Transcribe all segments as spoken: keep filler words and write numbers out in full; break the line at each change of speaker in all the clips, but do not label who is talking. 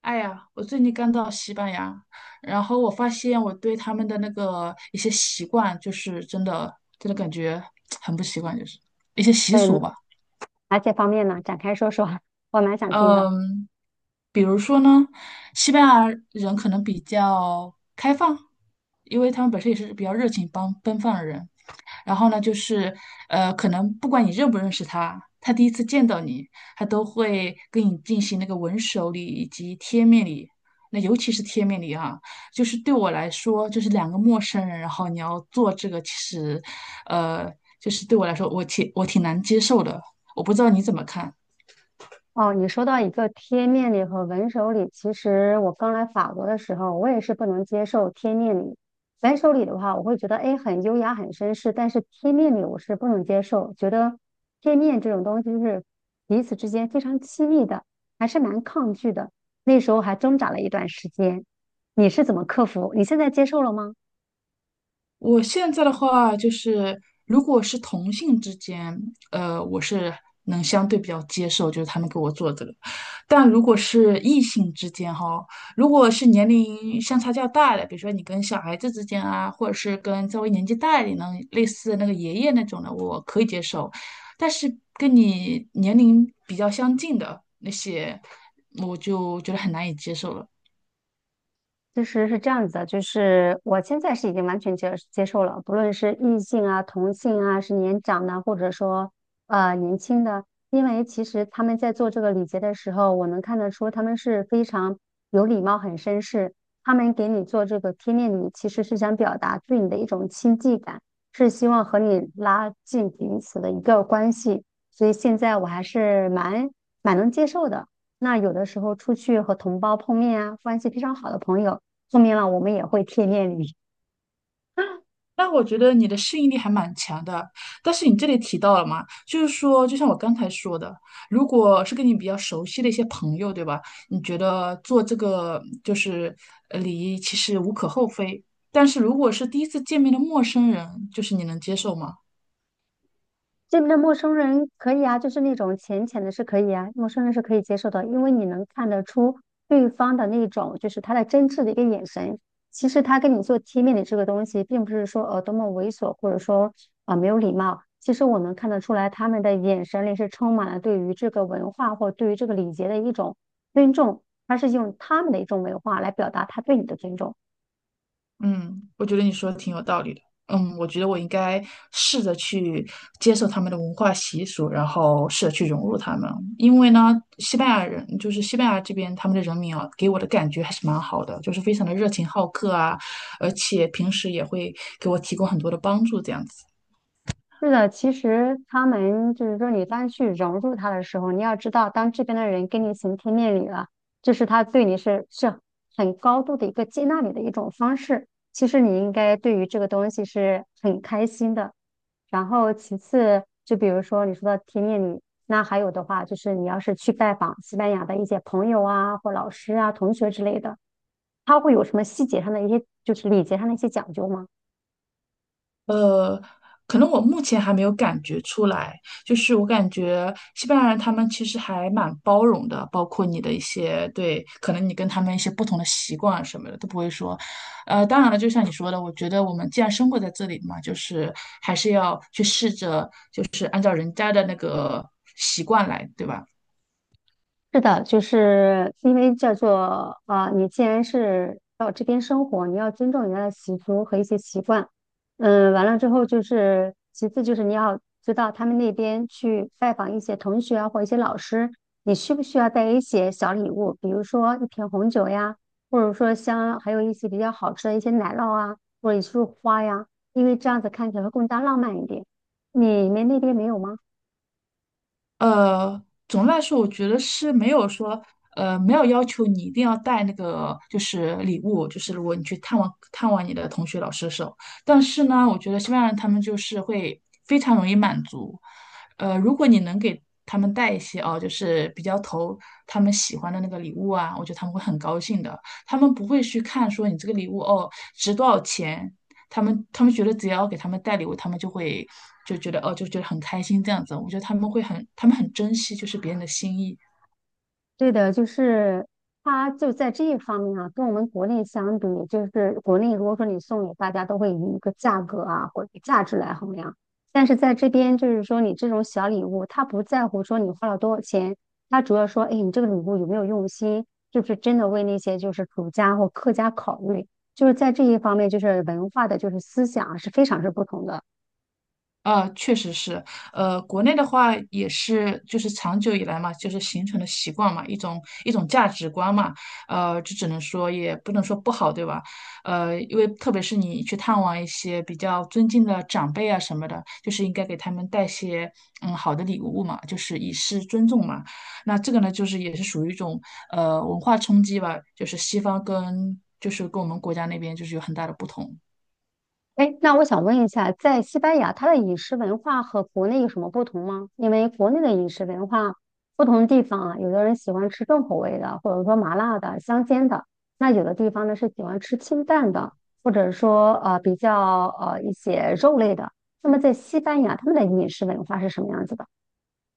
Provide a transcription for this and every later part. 哎呀，我最近刚到西班牙，然后我发现我对他们的那个一些习惯，就是真的真的感觉很不习惯，就是一些习俗
对，
吧。
哪些方面呢？展开说说，我蛮想听的。
嗯，比如说呢，西班牙人可能比较开放，因为他们本身也是比较热情帮奔放的人，然后呢，就是呃，可能不管你认不认识他，他第一次见到你，他都会跟你进行那个吻手礼以及贴面礼。那尤其是贴面礼啊，就是对我来说，就是两个陌生人，然后你要做这个，其实，呃，就是对我来说，我挺我挺难接受的。我不知道你怎么看。
哦，你说到一个贴面礼和文手礼，其实我刚来法国的时候，我也是不能接受贴面礼。文手礼的话，我会觉得哎很优雅、很绅士，但是贴面礼我是不能接受，觉得贴面这种东西是彼此之间非常亲密的，还是蛮抗拒的。那时候还挣扎了一段时间。你是怎么克服？你现在接受了吗？
我现在的话就是，如果是同性之间，呃，我是能相对比较接受，就是他们给我做这个。但如果是异性之间哈，如果是年龄相差较大的，比如说你跟小孩子之间啊，或者是跟稍微年纪大一点的，类似那个爷爷那种的，我可以接受。但是跟你年龄比较相近的那些，我就觉得很难以接受了。
其实是这样子的，就是我现在是已经完全接接受了，不论是异性啊、同性啊，是年长的，或者说呃年轻的，因为其实他们在做这个礼节的时候，我能看得出他们是非常有礼貌、很绅士。他们给你做这个贴面礼，其实是想表达对你的一种亲近感，是希望和你拉近彼此的一个关系。所以现在我还是蛮蛮能接受的。那有的时候出去和同胞碰面啊，关系非常好的朋友。说明了我们也会贴面礼。
那我觉得你的适应力还蛮强的，但是你这里提到了嘛，就是说，就像我刚才说的，如果是跟你比较熟悉的一些朋友，对吧？你觉得做这个就是呃礼仪，其实无可厚非。但是如果是第一次见面的陌生人，就是你能接受吗？
这边的陌生人可以啊，就是那种浅浅的是可以啊，陌生人是可以接受的，因为你能看得出对方的那种就是他的真挚的一个眼神。其实他跟你做贴面礼这个东西，并不是说呃多么猥琐，或者说啊、呃没有礼貌。其实我能看得出来，他们的眼神里是充满了对于这个文化或对于这个礼节的一种尊重，他是用他们的一种文化来表达他对你的尊重。
嗯，我觉得你说的挺有道理的。嗯，我觉得我应该试着去接受他们的文化习俗，然后试着去融入他们。因为呢，西班牙人就是西班牙这边他们的人民啊，给我的感觉还是蛮好的，就是非常的热情好客啊，而且平时也会给我提供很多的帮助，这样子。
是的，其实他们就是说，你当去融入他的时候，你要知道，当这边的人跟你行天面礼了，就是他对你是是很高度的一个接纳你的一种方式。其实你应该对于这个东西是很开心的。然后其次，就比如说你说的贴面礼，那还有的话就是你要是去拜访西班牙的一些朋友啊，或老师啊、同学之类的，他会有什么细节上的一些，就是礼节上的一些讲究吗？
呃，可能我目前还没有感觉出来，就是我感觉西班牙人他们其实还蛮包容的，包括你的一些对，可能你跟他们一些不同的习惯啊什么的都不会说。呃，当然了，就像你说的，我觉得我们既然生活在这里嘛，就是还是要去试着，就是按照人家的那个习惯来，对吧？
是的，就是因为叫做啊、你既然是到这边生活，你要尊重人家的习俗和一些习惯。嗯，完了之后就是，其次就是你要知道他们那边去拜访一些同学啊，或一些老师，你需不需要带一些小礼物，比如说一瓶红酒呀，或者说像还有一些比较好吃的一些奶酪啊，或者一束花呀，因为这样子看起来会更加浪漫一点。你们那边没有吗？
呃，总的来说，我觉得是没有说，呃，没有要求你一定要带那个就是礼物，就是如果你去探望探望你的同学、老师的时候，但是呢，我觉得西班牙人他们就是会非常容易满足，呃，如果你能给他们带一些哦，就是比较投他们喜欢的那个礼物啊，我觉得他们会很高兴的，他们不会去看说你这个礼物哦值多少钱，他们他们觉得只要给他们带礼物，他们就会就觉得哦，就觉得很开心这样子。我觉得他们会很，他们很珍惜就是别人的心意。
对的，就是它就在这一方面啊，跟我们国内相比，就是国内如果说你送礼，大家都会以一个价格啊或者价值来衡量，但是在这边就是说你这种小礼物，他不在乎说你花了多少钱，他主要说，哎，你这个礼物有没有用心，是不是真的为那些就是主家或客家考虑，就是在这一方面，就是文化的就是思想啊是非常是不同的。
呃，确实是，呃，国内的话也是，就是长久以来嘛，就是形成的习惯嘛，一种一种价值观嘛，呃，这只能说也不能说不好，对吧？呃，因为特别是你去探望一些比较尊敬的长辈啊什么的，就是应该给他们带些嗯好的礼物嘛，就是以示尊重嘛。那这个呢，就是也是属于一种呃文化冲击吧，就是西方跟就是跟我们国家那边就是有很大的不同。
哎，那我想问一下，在西班牙，它的饮食文化和国内有什么不同吗？因为国内的饮食文化，不同地方啊，有的人喜欢吃重口味的，或者说麻辣的、香煎的；那有的地方呢是喜欢吃清淡的，或者说呃比较呃一些肉类的。那么在西班牙，他们的饮食文化是什么样子的？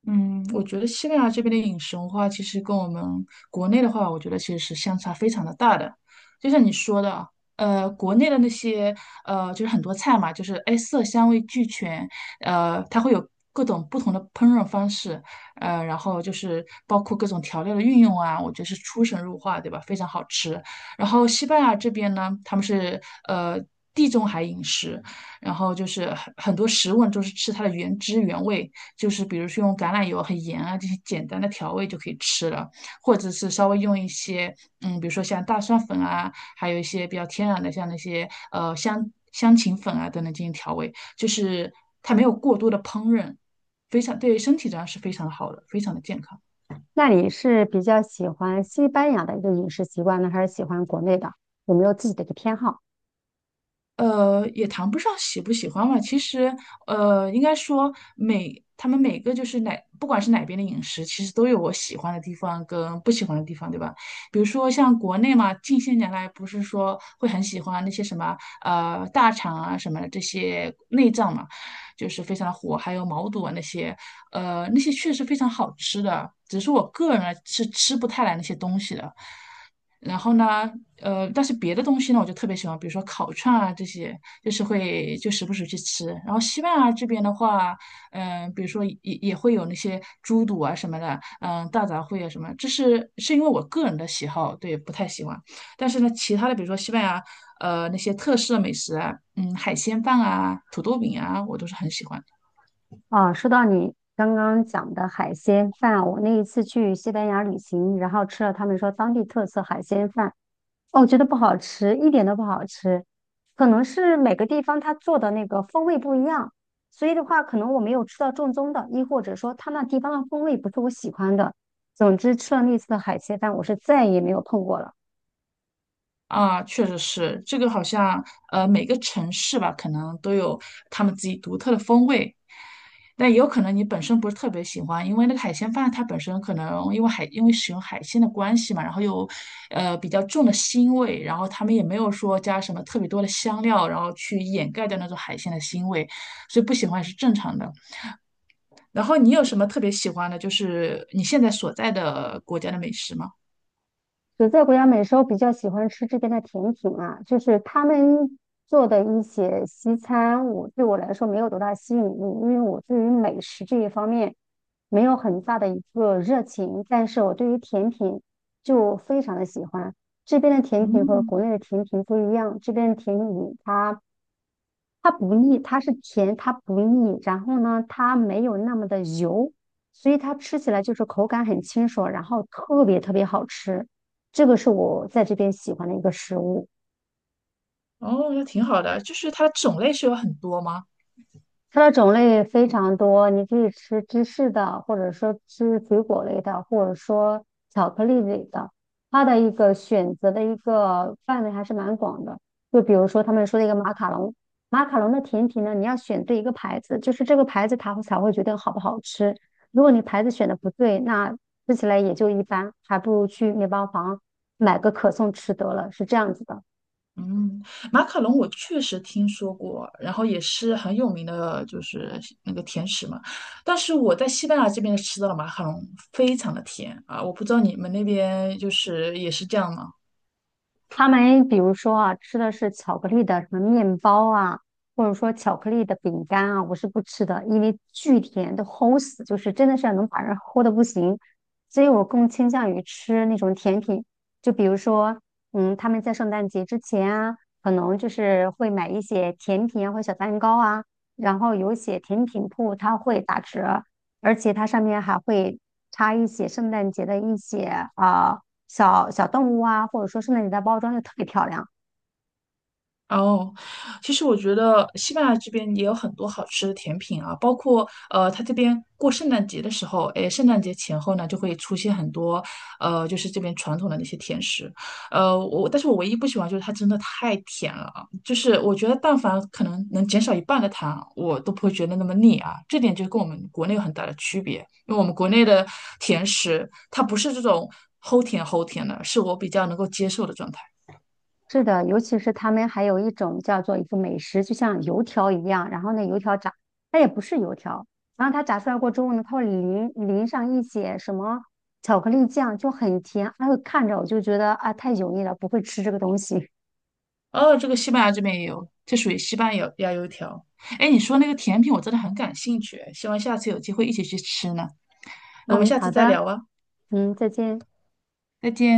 嗯，我觉得西班牙这边的饮食文化其实跟我们国内的话，我觉得其实是相差非常的大的。就像你说的啊呃，国内的那些呃，就是很多菜嘛，就是哎色香味俱全，呃，它会有各种不同的烹饪方式，呃，然后就是包括各种调料的运用啊，我觉得是出神入化，对吧？非常好吃。然后西班牙这边呢，他们是呃地中海饮食。然后就是很很多食物都是吃它的原汁原味，就是比如说用橄榄油很盐啊这些简单的调味就可以吃了，或者是稍微用一些嗯，比如说像大蒜粉啊，还有一些比较天然的像那些呃香香芹粉啊等等进行调味，就是它没有过多的烹饪，非常对身体上是非常好的，非常的健康。
那你是比较喜欢西班牙的一个饮食习惯呢，还是喜欢国内的？有没有自己的一个偏好？
呃，也谈不上喜不喜欢吧。其实，呃，应该说每他们每个就是哪，不管是哪边的饮食，其实都有我喜欢的地方跟不喜欢的地方，对吧？比如说像国内嘛，近些年来不是说会很喜欢那些什么呃大肠啊什么的这些内脏嘛，就是非常的火，还有毛肚啊那些，呃，那些确实非常好吃的，只是我个人呢是吃不太来那些东西的。然后呢，呃，但是别的东西呢，我就特别喜欢，比如说烤串啊这些，就是会就时不时去吃。然后西班牙这边的话，嗯、比如说也也会有那些猪肚啊什么的，嗯、大杂烩啊什么，这是是因为我个人的喜好，对，不太喜欢。但是呢，其他的比如说西班牙，呃，那些特色美食啊，嗯，海鲜饭啊、土豆饼啊，我都是很喜欢的。
啊，说到你刚刚讲的海鲜饭，我那一次去西班牙旅行，然后吃了他们说当地特色海鲜饭，哦，我觉得不好吃，一点都不好吃，可能是每个地方它做的那个风味不一样，所以的话，可能我没有吃到正宗的，亦或者说他那地方的风味不是我喜欢的。总之，吃了那次的海鲜饭，我是再也没有碰过了。
啊，确实是，这个好像呃每个城市吧，可能都有他们自己独特的风味。但也有可能你本身不是特别喜欢，因为那个海鲜饭它本身可能因为海因为使用海鲜的关系嘛，然后又呃比较重的腥味，然后他们也没有说加什么特别多的香料，然后去掩盖掉那种海鲜的腥味，所以不喜欢也是正常的。然后你有什么特别喜欢的，就是你现在所在的国家的美食吗？
所在国家美食，我比较喜欢吃这边的甜品啊，就是他们做的一些西餐，我对我来说没有多大吸引力，因为我对于美食这一方面没有很大的一个热情，但是我对于甜品就非常的喜欢。这边的甜品和
嗯，
国内的甜品不一样，这边的甜品它它不腻，它是甜，它不腻，然后呢，它没有那么的油，所以它吃起来就是口感很清爽，然后特别特别好吃。这个是我在这边喜欢的一个食物。
哦，那挺好的，就是它种类是有很多吗？
它的种类非常多，你可以吃芝士的，或者说吃水果类的，或者说巧克力类的。它的一个选择的一个范围还是蛮广的。就比如说他们说的一个马卡龙，马卡龙的甜品呢，你要选对一个牌子，就是这个牌子它才会决定好不好吃。如果你牌子选的不对，那吃起来也就一般，还不如去面包房买个可颂吃得了，是这样子的。
嗯，马卡龙我确实听说过，然后也是很有名的，就是那个甜食嘛。但是我在西班牙这边吃到了马卡龙非常的甜啊，我不知道你们那边就是也是这样吗？
他们比如说啊，吃的是巧克力的什么面包啊，或者说巧克力的饼干啊，我是不吃的，因为巨甜都齁死，就是真的是能把人齁的不行。所以我更倾向于吃那种甜品，就比如说，嗯，他们在圣诞节之前啊，可能就是会买一些甜品啊或小蛋糕啊，然后有一些甜品铺它会打折，而且它上面还会插一些圣诞节的一些啊。小小动物啊，或者说是那里的包装就特别漂亮。
哦，其实我觉得西班牙这边也有很多好吃的甜品啊，包括呃，它这边过圣诞节的时候，诶，圣诞节前后呢，就会出现很多呃，就是这边传统的那些甜食，呃，我但是我唯一不喜欢就是它真的太甜了啊，就是我觉得但凡可能能减少一半的糖，我都不会觉得那么腻啊，这点就跟我们国内有很大的区别，因为我们国内的甜食它不是这种齁甜齁甜的，是我比较能够接受的状态。
是的，尤其是他们还有一种叫做一个美食，就像油条一样，然后那油条炸，它也不是油条，然后它炸出来过之后呢，它会淋淋上一些什么巧克力酱，就很甜。哎呦，看着我就觉得啊，太油腻了，不会吃这个东西。
哦，这个西班牙这边也有，这属于西班牙牙油条。哎，你说那个甜品，我真的很感兴趣，希望下次有机会一起去吃呢。那我们
嗯，
下次
好
再
的，
聊啊，
嗯，再见。
再见。